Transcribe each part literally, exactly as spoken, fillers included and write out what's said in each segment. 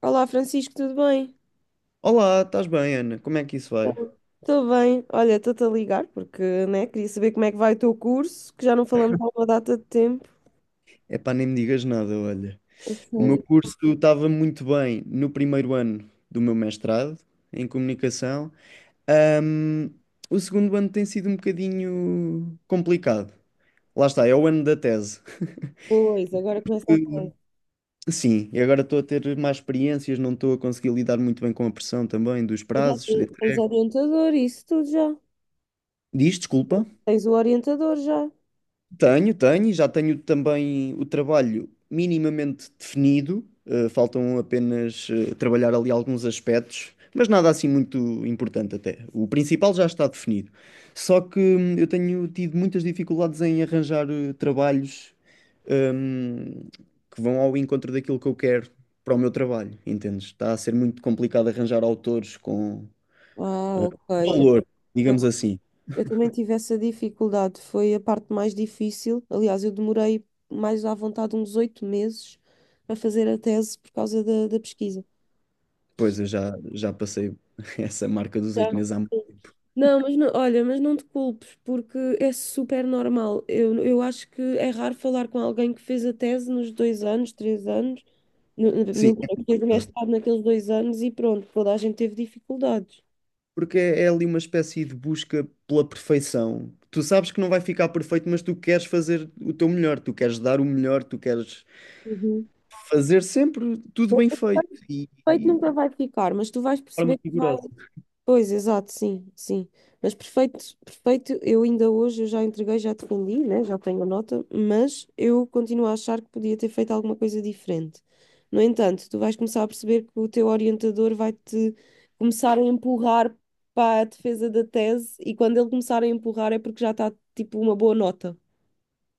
Olá, Francisco, tudo bem? Olá, estás bem, Ana? Como é que isso vai? Estou bem. Olha, estou-te a ligar porque, né, queria saber como é que vai o teu curso, que já não falamos há uma data de tempo. Epá, nem me digas nada, olha. A O meu sério? curso estava muito bem no primeiro ano do meu mestrado em comunicação. Ahm, o segundo ano tem sido um bocadinho complicado. Lá está, é o ano da tese. Pois, agora começa a ter. Sim, e agora estou a ter mais experiências, não estou a conseguir lidar muito bem com a pressão também dos Tu já prazos. te- tens orientador, isso tudo já. Diz, desculpa. Tens o orientador já. Tenho, tenho, já tenho também o trabalho minimamente definido. Eh, faltam apenas eh, trabalhar ali alguns aspectos, mas nada assim muito importante até. O principal já está definido. Só que hum, eu tenho tido muitas dificuldades em arranjar eh, trabalhos hum, que vão ao encontro daquilo que eu quero para o meu trabalho, entendes? Está a ser muito complicado arranjar autores com Ah, ok. valor, digamos Eu, assim. eu também tive essa dificuldade, foi a parte mais difícil. Aliás, eu demorei mais à vontade uns oito meses a fazer a tese por causa da, da pesquisa. Pois eu já, já passei essa marca dos Já. oito meses há muito. Não, mas não, olha, mas não te culpes, porque é super normal. Eu, eu acho que é raro falar com alguém que fez a tese nos dois anos, três anos, no- no- Sim. é mentira, que fez o mestrado naqueles dois anos e pronto, toda a gente teve dificuldades. Porque é é ali uma espécie de busca pela perfeição. Tu sabes que não vai ficar perfeito, mas tu queres fazer o teu melhor, tu queres dar o melhor, tu queres Uhum. fazer sempre tudo bem feito e, Feito e nunca de vai ficar, mas tu vais forma perceber que vai. rigorosa. Pois, exato, sim, sim. Mas perfeito, perfeito, eu ainda hoje eu já entreguei, já defendi, né? Já tenho a nota, mas eu continuo a achar que podia ter feito alguma coisa diferente. No entanto, tu vais começar a perceber que o teu orientador vai-te começar a empurrar para a defesa da tese e quando ele começar a empurrar é porque já está tipo uma boa nota.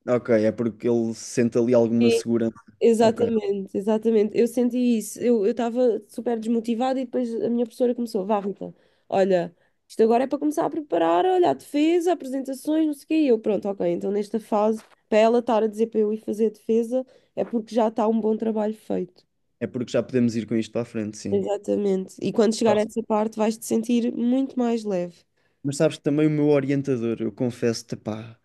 Ok, é porque ele sente ali alguma É, segurança. Ok, Exatamente, exatamente. Eu senti isso. Eu eu estava super desmotivada e depois a minha professora começou, vá, Rita, olha, isto agora é para começar a preparar, olha, a defesa, apresentações, não sei o quê. E eu, pronto, ok, então nesta fase, para ela estar a dizer para eu ir fazer a defesa, é porque já está um bom trabalho feito. é porque já podemos ir com isto para a frente, sim. Exatamente. E quando Ah, chegar a sim. essa parte, vais te sentir muito mais leve. Mas sabes, também o meu orientador, eu confesso-te, pá,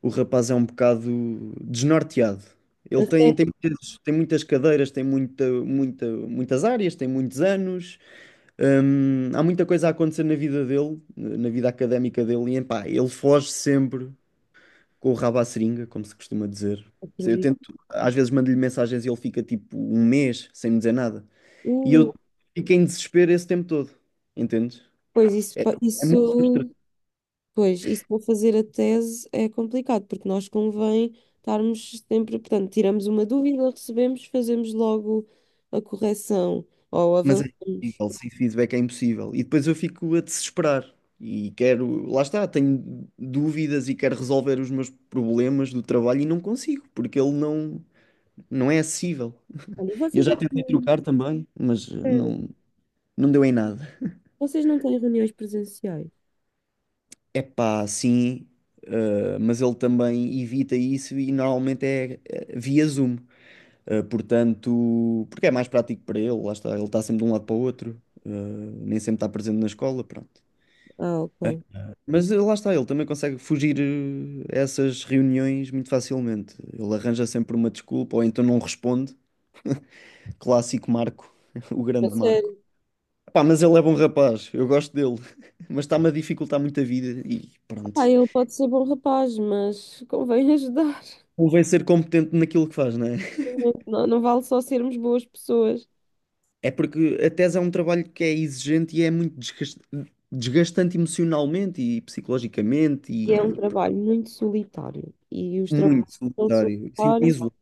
o rapaz é um bocado desnorteado. Ele tem, Até, tem, muitas, tem muitas cadeiras, tem muita, muita, muitas áreas, tem muitos anos. Hum, há muita coisa a acontecer na vida dele, na vida académica dele, e pá, ele foge sempre com o rabo à seringa, como se costuma dizer. Eu acredito. tento, às vezes mando-lhe mensagens e ele fica tipo um mês sem me dizer nada. E Uh, eu fico em desespero esse tempo todo, entendes? Pois isso, pa- É muito isso. frustrante, Pois, isso para fazer a tese é complicado, porque nós convém estarmos sempre, portanto, tiramos uma dúvida, recebemos, fazemos logo a correção ou mas é avançamos. impossível, sem feedback é impossível. E depois eu fico a desesperar e quero, lá está, tenho dúvidas e quero resolver os meus problemas do trabalho e não consigo, porque ele não, não é acessível. Olha, E eu vocês já não tentei têm, trocar também, mas eh, espera, não, não deu em nada. vocês não têm reuniões presenciais? É pá, sim, eh, mas ele também evita isso e normalmente é, eh, via Zoom. Eh, portanto, porque é mais prático para ele, lá está, ele está sempre de um lado para o outro, eh, nem sempre está presente na escola, pronto. Ah, ok. Mas eh, lá está, ele também consegue fugir eh, a essas reuniões muito facilmente. Ele arranja sempre uma desculpa, ou então não responde. Clássico Marco, o A grande Marco. sério. Pá, mas ele é bom rapaz, eu gosto dele, mas está-me a dificultar muito a vida e Ah, pronto. ele pode ser bom rapaz, mas convém ajudar. Convém ser competente naquilo que faz, não é? Não, não vale só sermos boas pessoas. É porque a tese é um trabalho que é exigente e é muito desgas- desgastante emocionalmente e psicologicamente E é um e trabalho muito solitário. E os trabalhos muito são solitário. Sinto-me solitários. isolado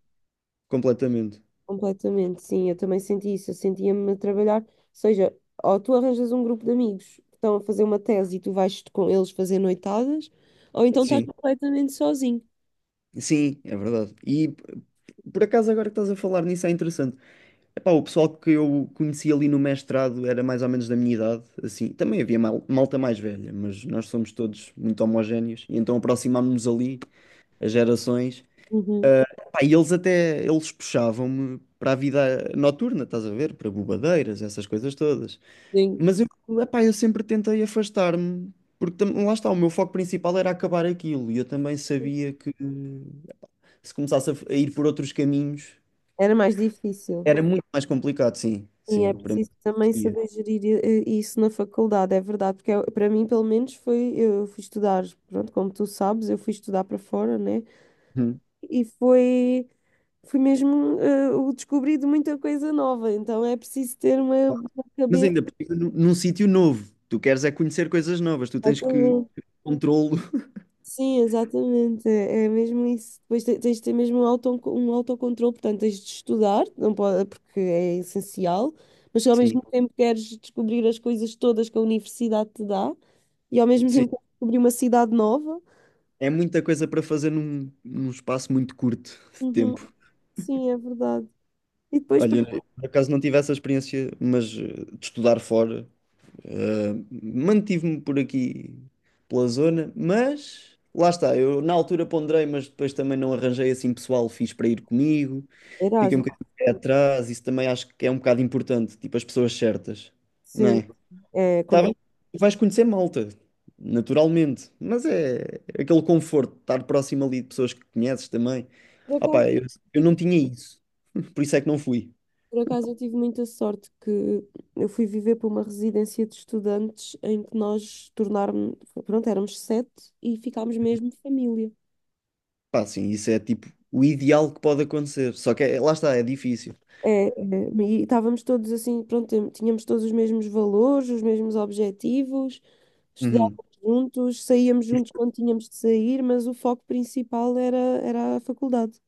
completamente. Completamente, sim, eu também senti isso. Eu sentia-me a trabalhar, ou seja, ou tu arranjas um grupo de amigos que estão a fazer uma tese e tu vais com eles fazer noitadas, ou então estás Sim, completamente sozinho. sim, é verdade. E p- por acaso agora que estás a falar nisso é interessante. Epá, o pessoal que eu conheci ali no mestrado era mais ou menos da minha idade, assim, também havia mal- malta mais velha, mas nós somos todos muito homogéneos, e então aproximámos-nos ali as gerações. Uhum, Epá, e eles até, eles puxavam-me para a vida noturna, estás a ver? Para bobadeiras, essas coisas todas. sim. Mas eu, epá, eu sempre tentei afastar-me, porque tam- lá está, o meu foco principal era acabar aquilo, e eu também sabia que se começasse a, f- a ir por outros caminhos, Era mais difícil. era muito mais complicado, sim, Sim, é sim, para mim. preciso também Seria. saber gerir eh, isso na faculdade, é verdade, porque eu- para mim, pelo menos, foi, eu fui estudar, pronto, como tu sabes, eu fui estudar para fora, né? Uhum. E foi, foi mesmo eh, o descobrir de muita coisa nova, então é preciso ter uma uma Mas cabeça. ainda por cima, num, num sítio novo. Tu queres é conhecer coisas novas, tu tens que controlo. Sim, exatamente. É é mesmo isso. Depois te- tens de ter mesmo um auto, um autocontrole, portanto, tens de estudar, não pode, porque é essencial, mas se ao mesmo Sim, tempo queres descobrir as coisas todas que a universidade te dá e ao mesmo sim. tempo queres descobrir uma cidade nova. É muita coisa para fazer num, num espaço muito curto de Uhum. tempo. Sim, é verdade. E depois, Olha, porque eu, por acaso não tive essa experiência, mas eh, de estudar fora, eh, mantive-me por aqui pela zona, mas lá está, eu na altura ponderei, mas depois também não arranjei assim pessoal fixe para ir comigo, fiquei um Erasmus, bocadinho de pé atrás, isso também acho que é um bocado importante, tipo as pessoas certas, não sim, é? é Tá bem? complicado. Vais conhecer malta, naturalmente. Mas é aquele conforto de estar próximo ali de pessoas que conheces também. Por Ah, acaso, pá, eu, eu não tinha isso. Por isso é que não fui. Por acaso eu tive muita sorte que eu fui viver para uma residência de estudantes em que nós tornámos, pronto, éramos sete e ficámos mesmo família. Pá, sim, isso é tipo o ideal que pode acontecer. Só que é- lá está, é difícil. É, é, e estávamos todos assim, pronto, tem- tínhamos todos os mesmos valores, os mesmos objetivos, Uhum. estudávamos juntos, saíamos juntos quando tínhamos de sair, mas o foco principal era, era a faculdade.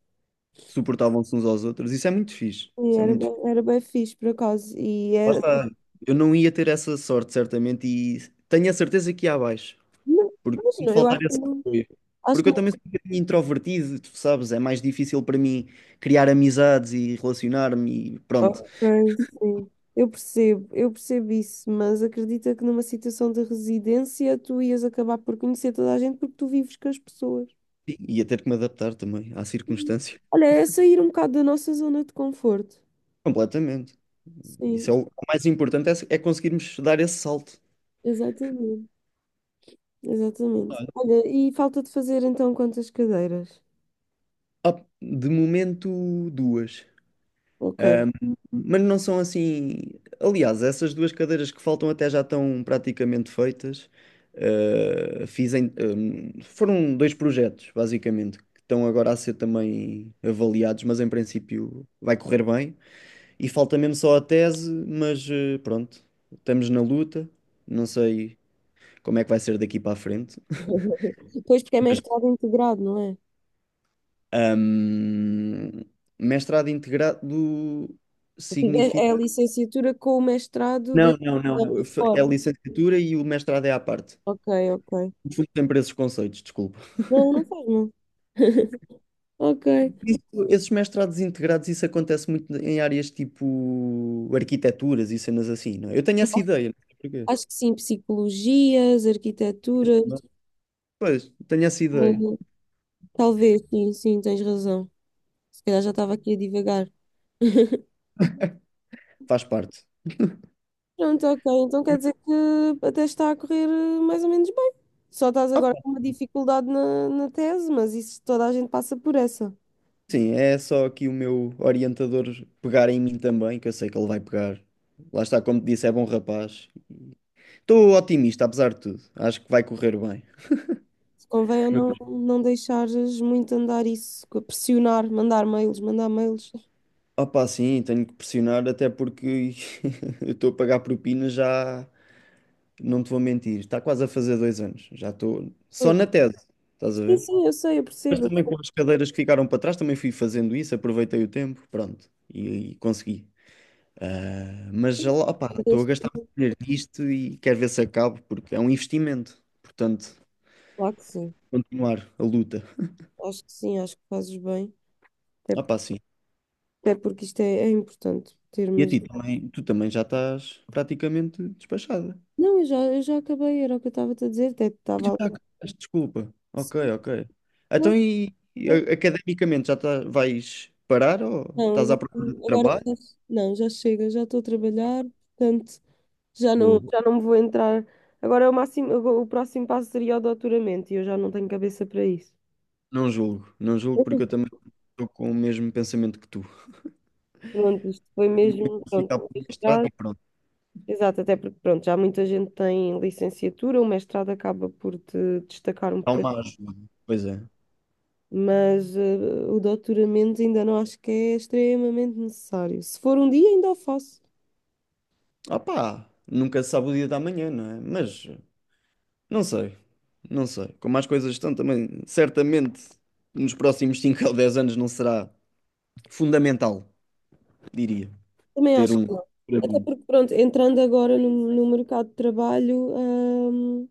Suportavam-se uns aos outros. Isso é muito fixe. E Isso é era, muito fixe. bem- era bem fixe, por acaso. E Lá é, está. Eu não ia ter essa sorte, certamente, e tenho a certeza que ia abaixo. não, Porque mas tem de não, eu faltar acho que esse não. apoio. acho Porque que eu também sou um bocadinho introvertido, tu sabes, é mais difícil para mim criar amizades e relacionar-me e pronto. Ok, sim. Eu percebo, eu percebo isso, mas acredita que numa situação de residência tu ias acabar por conhecer toda a gente porque tu vives com as pessoas. E ia ter que me adaptar também à circunstância. Olha, é sair um bocado da nossa zona de conforto. Completamente. Isso Sim, é o, é o mais importante é, é conseguirmos dar esse salto. exatamente, exatamente. Olha, e falta de fazer então quantas cadeiras? Ah, de momento, duas. Ok. Um, Mas não são assim. Aliás, essas duas cadeiras que faltam até já estão praticamente feitas. Uh, fiz em- um, foram dois projetos, basicamente, que estão agora a ser também avaliados, mas em princípio vai correr bem. E falta mesmo só a tese, mas uh, pronto, estamos na luta. Não sei como é que vai ser daqui para a frente. Pois porque é mestrado integrado, não é? Um, Mestrado integrado É a significa licenciatura com o mestrado dentro da é a fora. licenciatura e o mestrado é à parte. Ok, ok. Confundo sempre esses conceitos, desculpa. Não, não faz mal. Ok. Isso- esses mestrados integrados, isso acontece muito em áreas tipo arquiteturas e cenas assim, não é? Eu tenho essa ideia, não sei porquê. Acho que sim, psicologias, arquitetura, Não. Pois, tenho essa ideia. hum, talvez, sim, sim, tens razão. Se calhar já estava aqui a divagar. Faz parte. Pronto, ok, então quer dizer que até está a correr eh, mais ou menos bem. Só estás Ah, agora pá, com uma dificuldade na, na tese, mas isso toda a gente passa por essa. sim, é só aqui o meu orientador pegar em mim também, que eu sei que ele vai pegar. Lá está, como te disse, é bom rapaz. Estou otimista, apesar de tudo. Acho que vai correr bem. Se convém é Mas, não, não deixares muito andar isso, co- pressionar, mandar mails, mandar mails. opá, sim, tenho que pressionar, até porque eu estou a pagar propinas já. Não te vou mentir, está quase a fazer dois anos. Já estou só Pois. na tese, estás a Sim, ver? sim, eu sei, eu Mas percebo. também com as cadeiras que ficaram para trás, também fui fazendo isso, aproveitei o tempo, pronto, e, e consegui. Ah, mas já lá, opá, estou a gastar muito dinheiro nisto e quero ver se acabo, porque é um investimento. Portanto, Claro que sim, continuar a luta. acho que sim, acho que fazes bem. Até Ah, pá, sim. Até porque isto é, é importante E a termos. ti também, tu também já estás praticamente despachada. Não, eu já, eu já acabei, era o que eu estava-te a dizer, até Tu estava já ali. acabaste, desculpa. Ok, Sim, ok. não, Então, e, e a- academicamente já tá- vais parar ou não, estás não, à procura de agora, agora trabalho? já- não, já chega, já estou a trabalhar, portanto, já não, Boa, boa. já não me vou entrar. Agora é o máximo, agora o próximo passo seria o doutoramento e eu já não tenho cabeça para isso. Não julgo, não julgo porque eu também estou com o mesmo pensamento que tu. Pronto, isto foi mesmo, pronto, Ficar um por mestrado mestrado. e pronto, Exato, até porque, pronto, já muita gente tem licenciatura, o mestrado acaba por te destacar um há bocadinho. uma ajuda. Pois é. Mas eh, o doutoramento ainda não acho que é extremamente necessário. Se for um dia, ainda o faço. Opá, nunca se sabe o dia da manhã, não é? Mas não sei, não sei. Como as coisas estão também, certamente nos próximos cinco ou dez anos não será fundamental, diria, Também ter acho um. que não. Para Até mim. porque, pronto, entrando agora no, no mercado de trabalho, hum,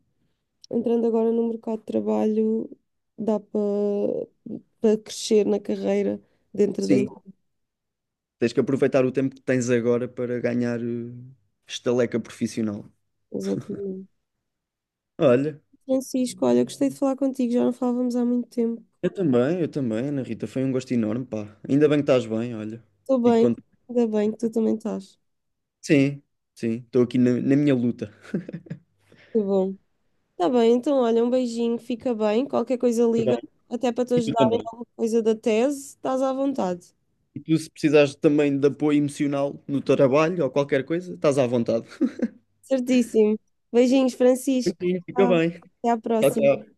entrando agora no mercado de trabalho, dá para para crescer na carreira dentro da Sim, empresa. tens que aproveitar o tempo que tens agora para ganhar eh, estaleca profissional. Exatamente. Olha, Francisco, olha, gostei de falar contigo, já não falávamos há muito tempo. eu também, eu também, Ana Rita, foi um gosto enorme, pá. Ainda bem que estás bem, olha. Estou Fico bem, contente. ainda bem que tu também estás. Sim, sim, estou aqui na, na minha luta. Muito bom. Tá bem, então olha, um beijinho, fica bem. Qualquer coisa Tá liga, bem. até para te E tu ajudar em também. alguma coisa da tese, estás à vontade. E tu, se precisares também de apoio emocional no teu trabalho ou qualquer coisa, estás à vontade. Certíssimo. Beijinhos, Francisco. Beijinho, fica Tchau. bem. Até à Tchau, próxima. tchau.